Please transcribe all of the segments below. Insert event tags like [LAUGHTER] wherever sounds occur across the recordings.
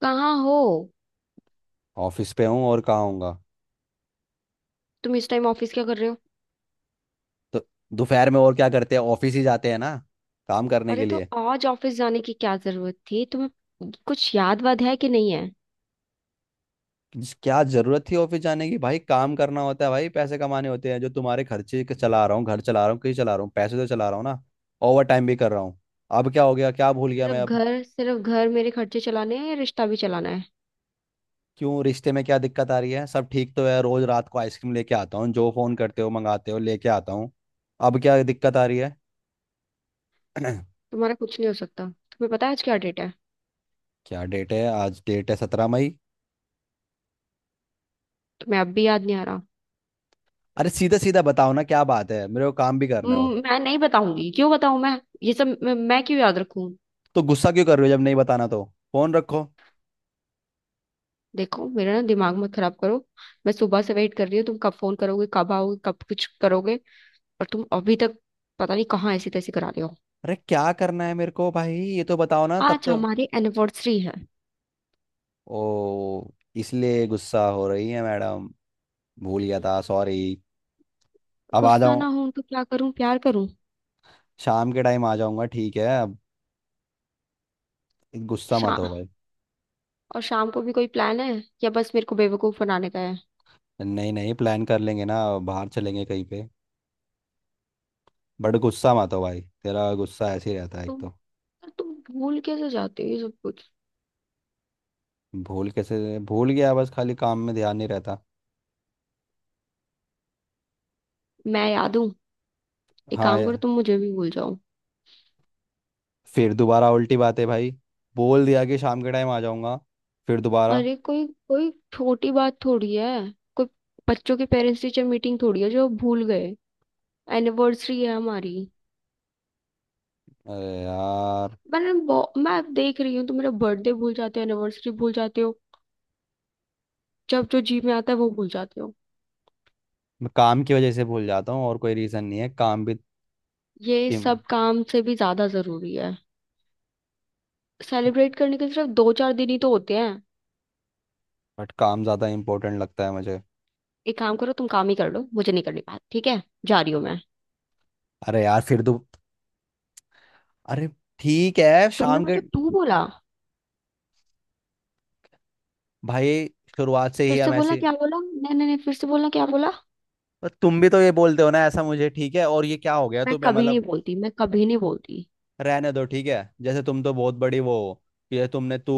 कहाँ हो? ऑफिस पे हूँ, और कहाँ हूँगा। तुम इस टाइम ऑफिस क्या कर रहे हो? तो दोपहर में और क्या करते हैं, ऑफिस ही जाते हैं ना, काम करने अरे के तो लिए। आज ऑफिस जाने की क्या जरूरत थी तुम्हें? कुछ याद वाद है कि नहीं है? क्या जरूरत थी ऑफिस जाने की भाई, काम करना होता है भाई, पैसे कमाने होते हैं, जो तुम्हारे खर्चे के चला रहा हूँ, घर चला रहा हूँ, कहीं चला रहा हूँ, पैसे तो चला रहा हूँ ना। ओवर टाइम भी कर रहा हूँ। अब क्या हो गया, क्या भूल गया मैं अब। सिर्फ घर मेरे खर्चे चलाने हैं या रिश्ता भी चलाना है? क्यों, रिश्ते में क्या दिक्कत आ रही है, सब ठीक तो है, रोज रात को आइसक्रीम लेके आता हूँ, जो फोन करते हो मंगाते हो लेके आता हूँ। अब क्या दिक्कत आ रही है। [CLEARS THROAT] तुम्हारा कुछ नहीं हो सकता। तुम्हें पता है आज क्या डेट है? क्या डेट है, आज डेट है 17 मई। तुम्हें अब भी याद नहीं आ रहा? अरे सीधा सीधा बताओ ना, क्या बात है, मेरे को काम भी करना है, और। मैं नहीं बताऊंगी, क्यों बताऊं मैं ये सब, मैं क्यों याद रखूं? तो गुस्सा क्यों कर रहे हो जब नहीं बताना तो। फोन रखो। देखो मेरा ना दिमाग मत खराब करो। मैं सुबह से वेट कर रही हूँ, तुम कब फोन करोगे, कब आओगे, कब कुछ करोगे। और तुम अभी तक पता नहीं कहाँ ऐसी तैसी करा रहे हो। अरे क्या करना है मेरे को भाई, ये तो बताओ ना तब आज तो। हमारी एनिवर्सरी है। ओ, इसलिए गुस्सा हो रही है मैडम। भूल गया था, सॉरी। अब आ गुस्सा जाऊं। ना हूं तो क्या करूं, प्यार करूं? शाम के टाइम आ जाऊंगा, ठीक है अब। गुस्सा शा मत हो भाई। और शाम को भी कोई प्लान है या बस मेरे को बेवकूफ बनाने का है? नहीं, नहीं, प्लान कर लेंगे ना। बाहर चलेंगे कहीं पे। बट गुस्सा मत हो भाई, तेरा गुस्सा ऐसे ही रहता है, एक तुम तो। तुम भूल कैसे जाते हो ये सब कुछ? भूल कैसे भूल गया, बस खाली काम में ध्यान नहीं रहता। मैं याद हूँ? एक हाँ काम करो, ये- तुम मुझे भी भूल जाओ। फिर दोबारा उल्टी बात है भाई। बोल दिया कि शाम के टाइम आ जाऊंगा, फिर दोबारा। अरे कोई कोई छोटी बात थोड़ी है, कोई बच्चों की पेरेंट्स टीचर मीटिंग थोड़ी है जो भूल गए, एनिवर्सरी है हमारी। अरे यार। मैं अब देख रही हूँ, तुम मेरा बर्थडे भूल जाते हो, एनिवर्सरी भूल जाते हो, जब जो जी में आता है वो भूल जाते हो। मैं काम की वजह से भूल जाता हूँ, और कोई रीज़न नहीं है, काम भी। ये इम, सब काम से भी ज्यादा जरूरी है। सेलिब्रेट करने के सिर्फ दो चार दिन ही तो होते हैं। बट काम ज़्यादा इम्पोर्टेंट लगता है मुझे। एक काम करो, तुम काम ही कर लो, मुझे नहीं करनी बात, ठीक है, जा रही हूँ मैं। अरे यार फिर तो। अरे। ठीक है तुमने शाम के। मुझे तू बोला। भाई। शुरुआत से फिर ही से हम बोला, ऐसे। क्या बोला? नहीं नहीं नहीं, फिर से बोला, क्या बोला? पर तुम भी तो ये बोलते हो ना, ऐसा मुझे ठीक है, और ये क्या हो गया मैं तुम्हें कभी नहीं मतलब। बोलती, मैं कभी नहीं बोलती। रहने दो, ठीक है, जैसे तुम तो बहुत बड़ी वो हो, कि ये तुमने तू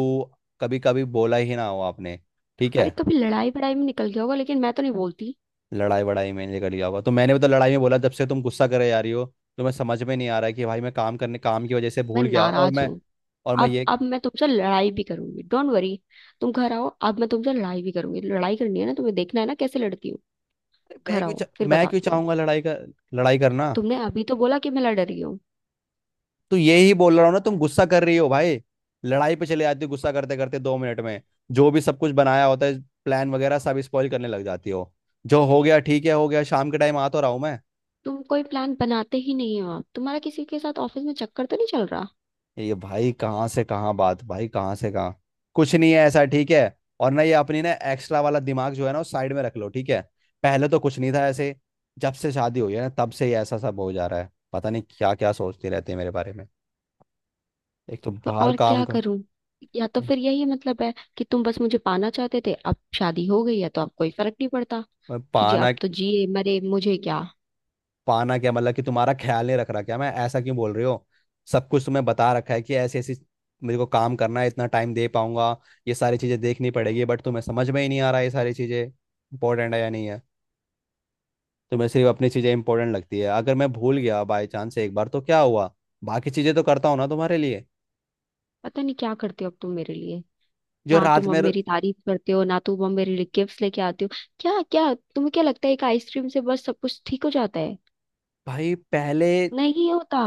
कभी कभी बोला ही ना हो आपने। ठीक है। अरे कभी लड़ाई वड़ाई में निकल गया होगा लेकिन मैं तो नहीं बोलती। लड़ाई वड़ाई में निकल गया हुआ तो मैंने भी तो लड़ाई में बोला, जब से तुम गुस्सा करे जा रही हो। तो मैं समझ में नहीं आ रहा है कि भाई, मैं काम करने, काम की वजह से मैं भूल गया, और नाराज मैं, हूँ। और मैं अब ये। अब मैं तुमसे लड़ाई भी करूंगी, डोंट वरी। तुम घर आओ, अब मैं तुमसे लड़ाई भी करूंगी, लड़ाई करनी है ना, तुम्हें देखना है ना कैसे लड़ती हूँ। अरे मैं घर क्यों आओ फिर मैं क्यों बताती हूँ। चाहूंगा लड़ाई का। लड़ाई करना। तुमने अभी तो बोला कि मैं लड़ रही हूँ। तो ये ही बोल रहा हूँ ना, तुम गुस्सा कर रही हो भाई। लड़ाई पे चले जाती हो, गुस्सा करते करते 2 मिनट में, जो भी सब कुछ बनाया होता है, प्लान वगैरह सब स्पॉइल करने लग जाती हो। जो हो गया ठीक है, हो गया, शाम के टाइम आ तो रहा हूँ मैं। तुम कोई प्लान बनाते ही नहीं हो, तुम्हारा किसी के साथ ऑफिस में चक्कर तो नहीं चल रहा? ये भाई कहाँ से कहाँ बात, भाई कहाँ से कहाँ। कुछ नहीं है ऐसा, ठीक है। और ना ये अपनी ना एक्स्ट्रा वाला दिमाग जो है ना वो साइड में रख लो, ठीक है। पहले तो कुछ नहीं था ऐसे, जब से शादी हुई है ना तब से ये ऐसा सब हो जा रहा है, पता नहीं क्या क्या सोचते रहते हैं मेरे बारे में। एक तो तो बाहर और काम क्या कर। करूं? या तो ए, फिर यही मतलब है कि तुम बस मुझे पाना चाहते थे, अब शादी हो गई है तो अब कोई फर्क नहीं पड़ता, मैं कि जी पाना। अब तो जिए मरे मुझे क्या। पाना क्या मतलब, कि तुम्हारा ख्याल नहीं रख रहा क्या मैं, ऐसा क्यों बोल रही हो। सब कुछ तुम्हें बता रखा है कि ऐसे ऐसी, मेरे को काम करना है, इतना टाइम दे पाऊंगा, ये सारी चीजें देखनी पड़ेगी, बट तुम्हें समझ में ही नहीं आ रहा है ये सारी चीजें इंपॉर्टेंट है या नहीं है। तो मैं, सिर्फ अपनी चीज़ें इंपॉर्टेंट लगती है, अगर मैं भूल गया बाई चांस एक बार तो क्या हुआ, बाकी चीज़ें तो करता हूँ ना तुम्हारे लिए। पता नहीं क्या करते हो अब तुम मेरे लिए, जो ना रात तुम अब में। मेरी तारीफ करते हो, ना तुम अब मेरे लिए गिफ्ट्स लेके आते हो। क्या क्या, तुम्हें क्या लगता है एक आइसक्रीम से बस सब कुछ ठीक हो जाता है? भाई पहले नहीं होता।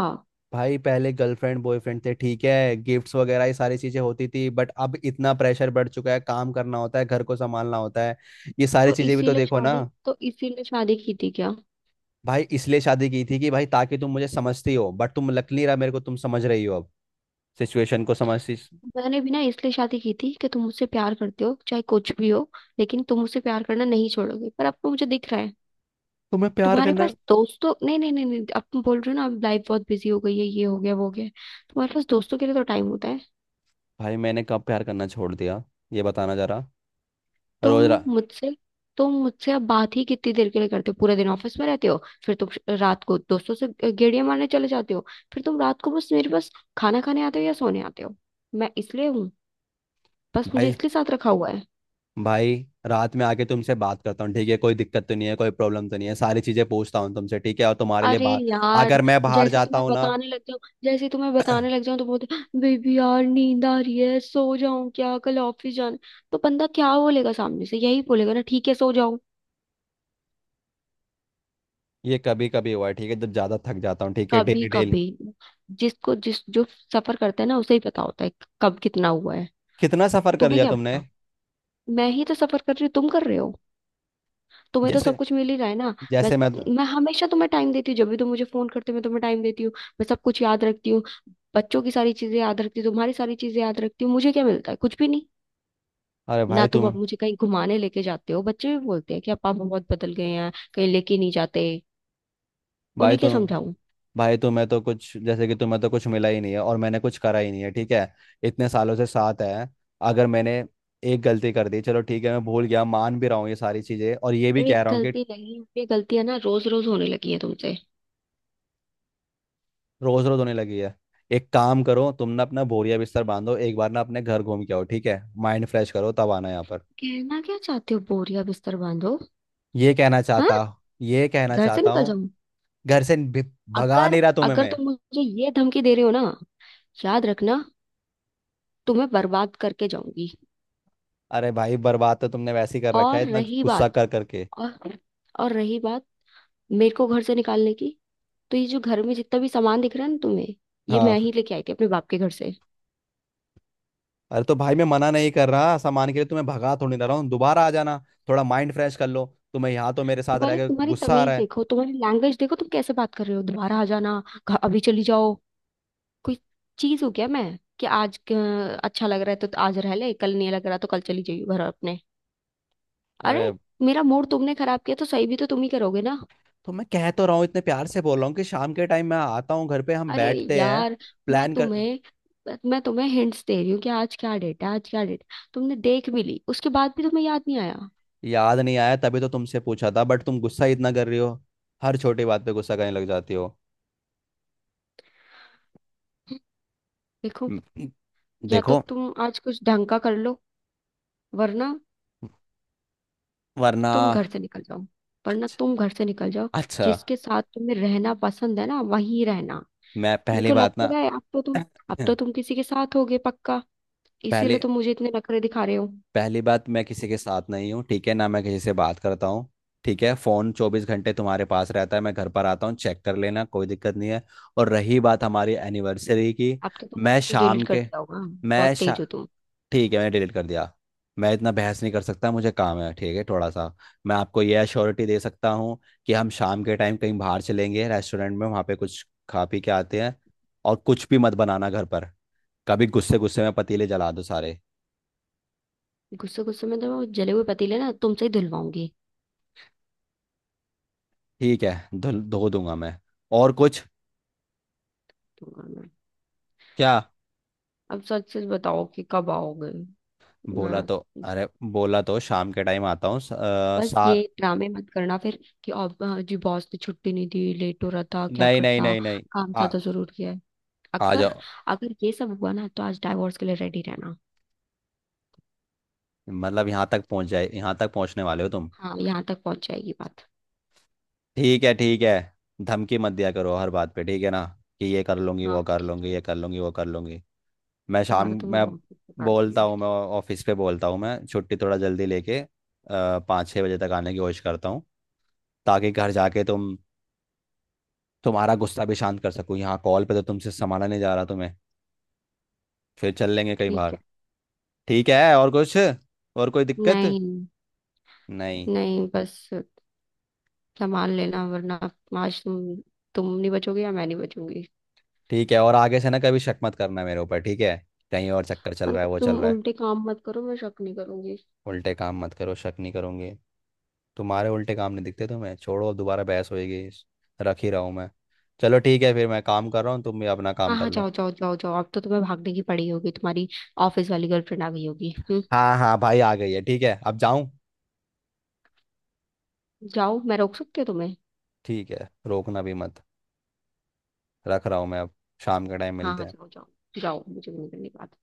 भाई पहले गर्लफ्रेंड बॉयफ्रेंड थे, ठीक है, गिफ्ट्स वगैरह ये सारी चीज़ें होती थी, बट अब इतना प्रेशर बढ़ चुका है, काम करना होता है, घर को संभालना होता है, ये सारी चीज़ें भी तो देखो ना। तो इसीलिए शादी की थी क्या? भाई इसलिए शादी की थी कि भाई ताकि तुम मुझे समझती हो, बट तुम, लग नहीं रहा मेरे को तुम समझ रही हो अब, सिचुएशन को समझती। मैंने भी ना इसलिए शादी की थी कि तुम मुझसे प्यार करते हो चाहे कुछ भी हो, लेकिन तुम मुझसे प्यार करना नहीं छोड़ोगे, पर अब तो मुझे दिख रहा है। तुम्हें प्यार तुम्हारे करना। पास दोस्तों नहीं नहीं नहीं नहीं, अब तुम बोल रहे हो ना अब लाइफ बहुत बिजी हो गई है, ये हो गया वो हो गया, तुम्हारे पास दोस्तों के लिए तो टाइम होता है। भाई मैंने कब प्यार करना छोड़ दिया, ये बताना जरा। तुम रोज रा मुझसे तुम मुझसे अब बात ही कितनी देर के लिए करते हो? पूरा दिन ऑफिस में रहते हो, फिर तुम रात को दोस्तों से गेड़िया मारने चले जाते हो, फिर तुम रात को बस मेरे पास खाना खाने आते हो या सोने आते हो। मैं इसलिए हूँ, बस मुझे भाई। इसलिए साथ रखा हुआ है? भाई। रात में आके तुमसे बात करता हूँ, ठीक है, कोई दिक्कत तो नहीं है, कोई प्रॉब्लम तो नहीं है, सारी चीजें पूछता हूँ तुमसे, ठीक है। और तुम्हारे लिए अरे बाहर, यार, अगर मैं बाहर जैसे जाता तुम्हें हूँ ना। बताने लग जाऊं, जैसे तुम्हें बताने लग जाऊं तो बोलते, बेबी यार नींद आ रही है, सो जाऊं क्या, कल ऑफिस जाना। तो बंदा क्या बोलेगा सामने से, यही बोलेगा ना, ठीक है सो जाओ। ये कभी कभी हुआ है, ठीक है, जब ज्यादा थक जाता हूँ, ठीक है, कभी डेली डेली। कभी। जिसको जिस जो सफर करता है ना उसे ही पता होता है कब कितना हुआ है। कितना सफर कर तुम्हें लिया क्या तुमने। पता? मैं ही तो सफर कर रही हूँ, तुम कर रहे हो? तुम्हें तो सब जैसे, कुछ मिल ही रहा है ना। मैं जैसे मैं तो, मैं हमेशा तुम्हें टाइम देती हूँ, जब भी तुम मुझे फोन करते हो मैं तुम्हें टाइम देती हूँ। मैं सब कुछ याद रखती हूँ, बच्चों की सारी चीजें याद रखती हूँ, तुम्हारी सारी चीजें याद रखती हूँ, मुझे क्या मिलता है, कुछ भी नहीं। अरे ना तुम अब मुझे कहीं घुमाने लेके जाते हो, बच्चे भी बोलते हैं कि अब पापा बहुत बदल गए हैं, कहीं लेके नहीं जाते, भाई उन्हें क्या तुम समझाऊं? भाई तुम्हें तो कुछ, जैसे कि तुम्हें तो कुछ मिला ही नहीं है, और मैंने कुछ करा ही नहीं है, ठीक है। इतने सालों से साथ है, अगर मैंने एक गलती कर दी, चलो ठीक है, मैं भूल गया, मान भी रहा हूँ ये सारी चीजें, और ये भी एक कह रहा हूँ कि। गलती नहीं, ये गलतियां ना रोज रोज होने लगी हैं तुमसे। रोज रोज होने लगी है। एक काम करो तुम ना, अपना बोरिया बिस्तर बांधो एक बार ना, अपने घर घूम के आओ, ठीक है, माइंड फ्रेश करो तब आना यहाँ पर। कहना क्या चाहते हो, बोरिया बिस्तर बांधो? ये कहना हाँ, चाहता ये कहना घर से चाहता निकल हूँ। जाऊं? घर से भी- भगा अगर नहीं रहा तुम्हें अगर मैं। तुम मुझे ये धमकी दे रहे हो ना, याद रखना, तुम्हें बर्बाद करके जाऊंगी। अरे भाई, बर्बाद तो तुमने वैसे ही कर रखा है और इतना रही गुस्सा बात, कर करके। और रही बात मेरे को घर से निकालने की, तो ये जो घर में जितना भी सामान दिख रहा है ना तुम्हें, ये मैं हाँ। ही लेके आई थी अपने बाप के घर से। अरे तो भाई मैं मना नहीं कर रहा सामान के लिए, तुम्हें भगा थोड़ी ना रहा हूँ, दोबारा आ जाना, थोड़ा माइंड फ्रेश कर लो, तुम्हें यहाँ तो मेरे साथ रह तुम्हारे के तुम्हारी गुस्सा आ तमीज रहा है। देखो, तुम्हारी लैंग्वेज देखो, तुम कैसे बात कर रहे हो, दोबारा आ जाना? अभी चली जाओ। कोई चीज हो क्या मैं, कि आज अच्छा लग रहा है तो आज रह ले, कल नहीं लग रहा तो कल चली जाइयो घर अपने? अरे, अरे मेरा मूड तुमने खराब किया तो सही भी तो तुम ही करोगे ना। तो मैं कह तो रहा हूँ, इतने प्यार से बोल रहा हूँ कि शाम के टाइम मैं आता हूँ, घर पे हम अरे बैठते हैं, यार, मैं प्लान कर। तुम्हें मैं तुम्हें हिंट्स दे रही हूँ कि आज क्या डेट है, आज क्या डेट है, तुमने देख भी ली उसके बाद भी तुम्हें याद नहीं आया। याद नहीं आया तभी तो तुमसे पूछा था, बट तुम गुस्सा ही इतना कर रही हो, हर छोटी बात पे गुस्सा करने लग जाती हो। देखो, म- या तो देखो। तुम आज कुछ ढंग का कर लो वरना वरना। तुम घर से निकल जाओ, वरना अच्छा। तुम घर से निकल जाओ, अच्छा, जिसके साथ तुम्हें रहना पसंद है ना वहीं रहना। मैं मेरे पहली को लग बात तो ना। रहा है, [CLEARS THROAT] अब तो तुम किसी के साथ होगे पक्का, पहले इसीलिए तुम मुझे इतने नखरे दिखा रहे हो। पहली बात, मैं किसी के साथ नहीं हूँ, ठीक है ना, मैं किसी से बात करता हूँ, ठीक है, फोन 24 घंटे तुम्हारे पास रहता है, मैं घर पर आता हूँ चेक कर लेना, कोई दिक्कत नहीं है। और रही बात हमारी एनिवर्सरी की। अब तो तुमने मैं सब कुछ डिलीट शाम कर के दिया होगा, मैं बहुत शा तेज हो तुम। ठीक है, मैंने डिलीट कर दिया। मैं इतना बहस नहीं कर सकता, मुझे काम है, ठीक है, थोड़ा सा। मैं आपको यह अश्योरिटी दे सकता हूँ कि हम शाम के टाइम कहीं बाहर चलेंगे, रेस्टोरेंट में वहाँ पे कुछ खा पी के आते हैं, और कुछ भी मत बनाना घर पर, कभी गुस्से गुस्से में पतीले जला दो सारे। गुस्से गुस्से में तो वो जले हुए पतीले ना तुमसे ही धुलवाऊंगी। ठीक है। धो धो दूंगा मैं। और कुछ। क्या। अब सच सच बताओ कि कब आओगे? मैं, बोला तो, अरे बोला तो शाम के टाइम आता हूँ। स- अ, बस सा ये ड्रामे मत करना फिर कि अब जी बॉस ने छुट्टी नहीं दी, लेट हो रहा था क्या नहीं, नहीं, करता, नहीं, नहीं। काम था आ, तो जरूर किया है। आ अगर जाओ। अगर ये सब हुआ ना तो आज डाइवोर्स के लिए रेडी रहना। मतलब यहाँ तक पहुँच जाए, यहाँ तक पहुँचने वाले हो तुम। हाँ, यहाँ तक पहुंच जाएगी बात। ठीक है, ठीक है, धमकी मत दिया करो हर बात पे, ठीक है ना, कि ये कर लूंगी हाँ वो हाँ कर ठीक लूंगी है, ये कर लूंगी वो कर लूंगी। तुम्हारा तो मैं मैं बहुत कुछ बता बोलता दूंगी। हूँ, मैं ऑफिस पे बोलता हूँ मैं छुट्टी थोड़ा जल्दी लेके 5-6 बजे तक आने की कोशिश करता हूँ, ताकि घर जाके तुम, तुम्हारा गुस्सा भी शांत कर सको, यहाँ कॉल पे तो तुमसे संभाला नहीं जा रहा तुम्हें। फिर चल लेंगे कहीं ठीक बाहर। है, ठीक है, और कुछ, और कोई दिक्कत। नहीं, नहीं। नहीं बस, संभाल लेना वरना आज तुम नहीं बचोगे या मैं नहीं बचूंगी। ठीक है, और आगे से ना कभी शक मत करना मेरे ऊपर, ठीक है, कहीं और चक्कर चल रहा है अगर वो तुम चल रहा है। उल्टे काम मत करो मैं शक नहीं करूंगी। उल्टे काम मत करो, शक नहीं करूंगी। तुम्हारे उल्टे काम नहीं दिखते तुम्हें, छोड़ो अब दोबारा बहस होएगी। रख ही रहा हूँ मैं। चलो ठीक है, फिर मैं काम कर रहा हूँ, तुम भी अपना काम हाँ कर हाँ, लो। जाओ जाओ जाओ जाओ, अब तो तुम्हें भागने की पड़ी होगी, तुम्हारी ऑफिस वाली गर्लफ्रेंड आ गई होगी, हम्म? हाँ, हाँ भाई आ गई है, ठीक है, अब जाऊँ। जाओ, मैं रोक सकती हूँ तुम्हें? ठीक है, रोकना भी मत। रख रहा हूँ मैं अब। शाम के टाइम हाँ मिलते हाँ, हैं। जाओ जाओ, जाओ, मुझे नहीं करनी बात।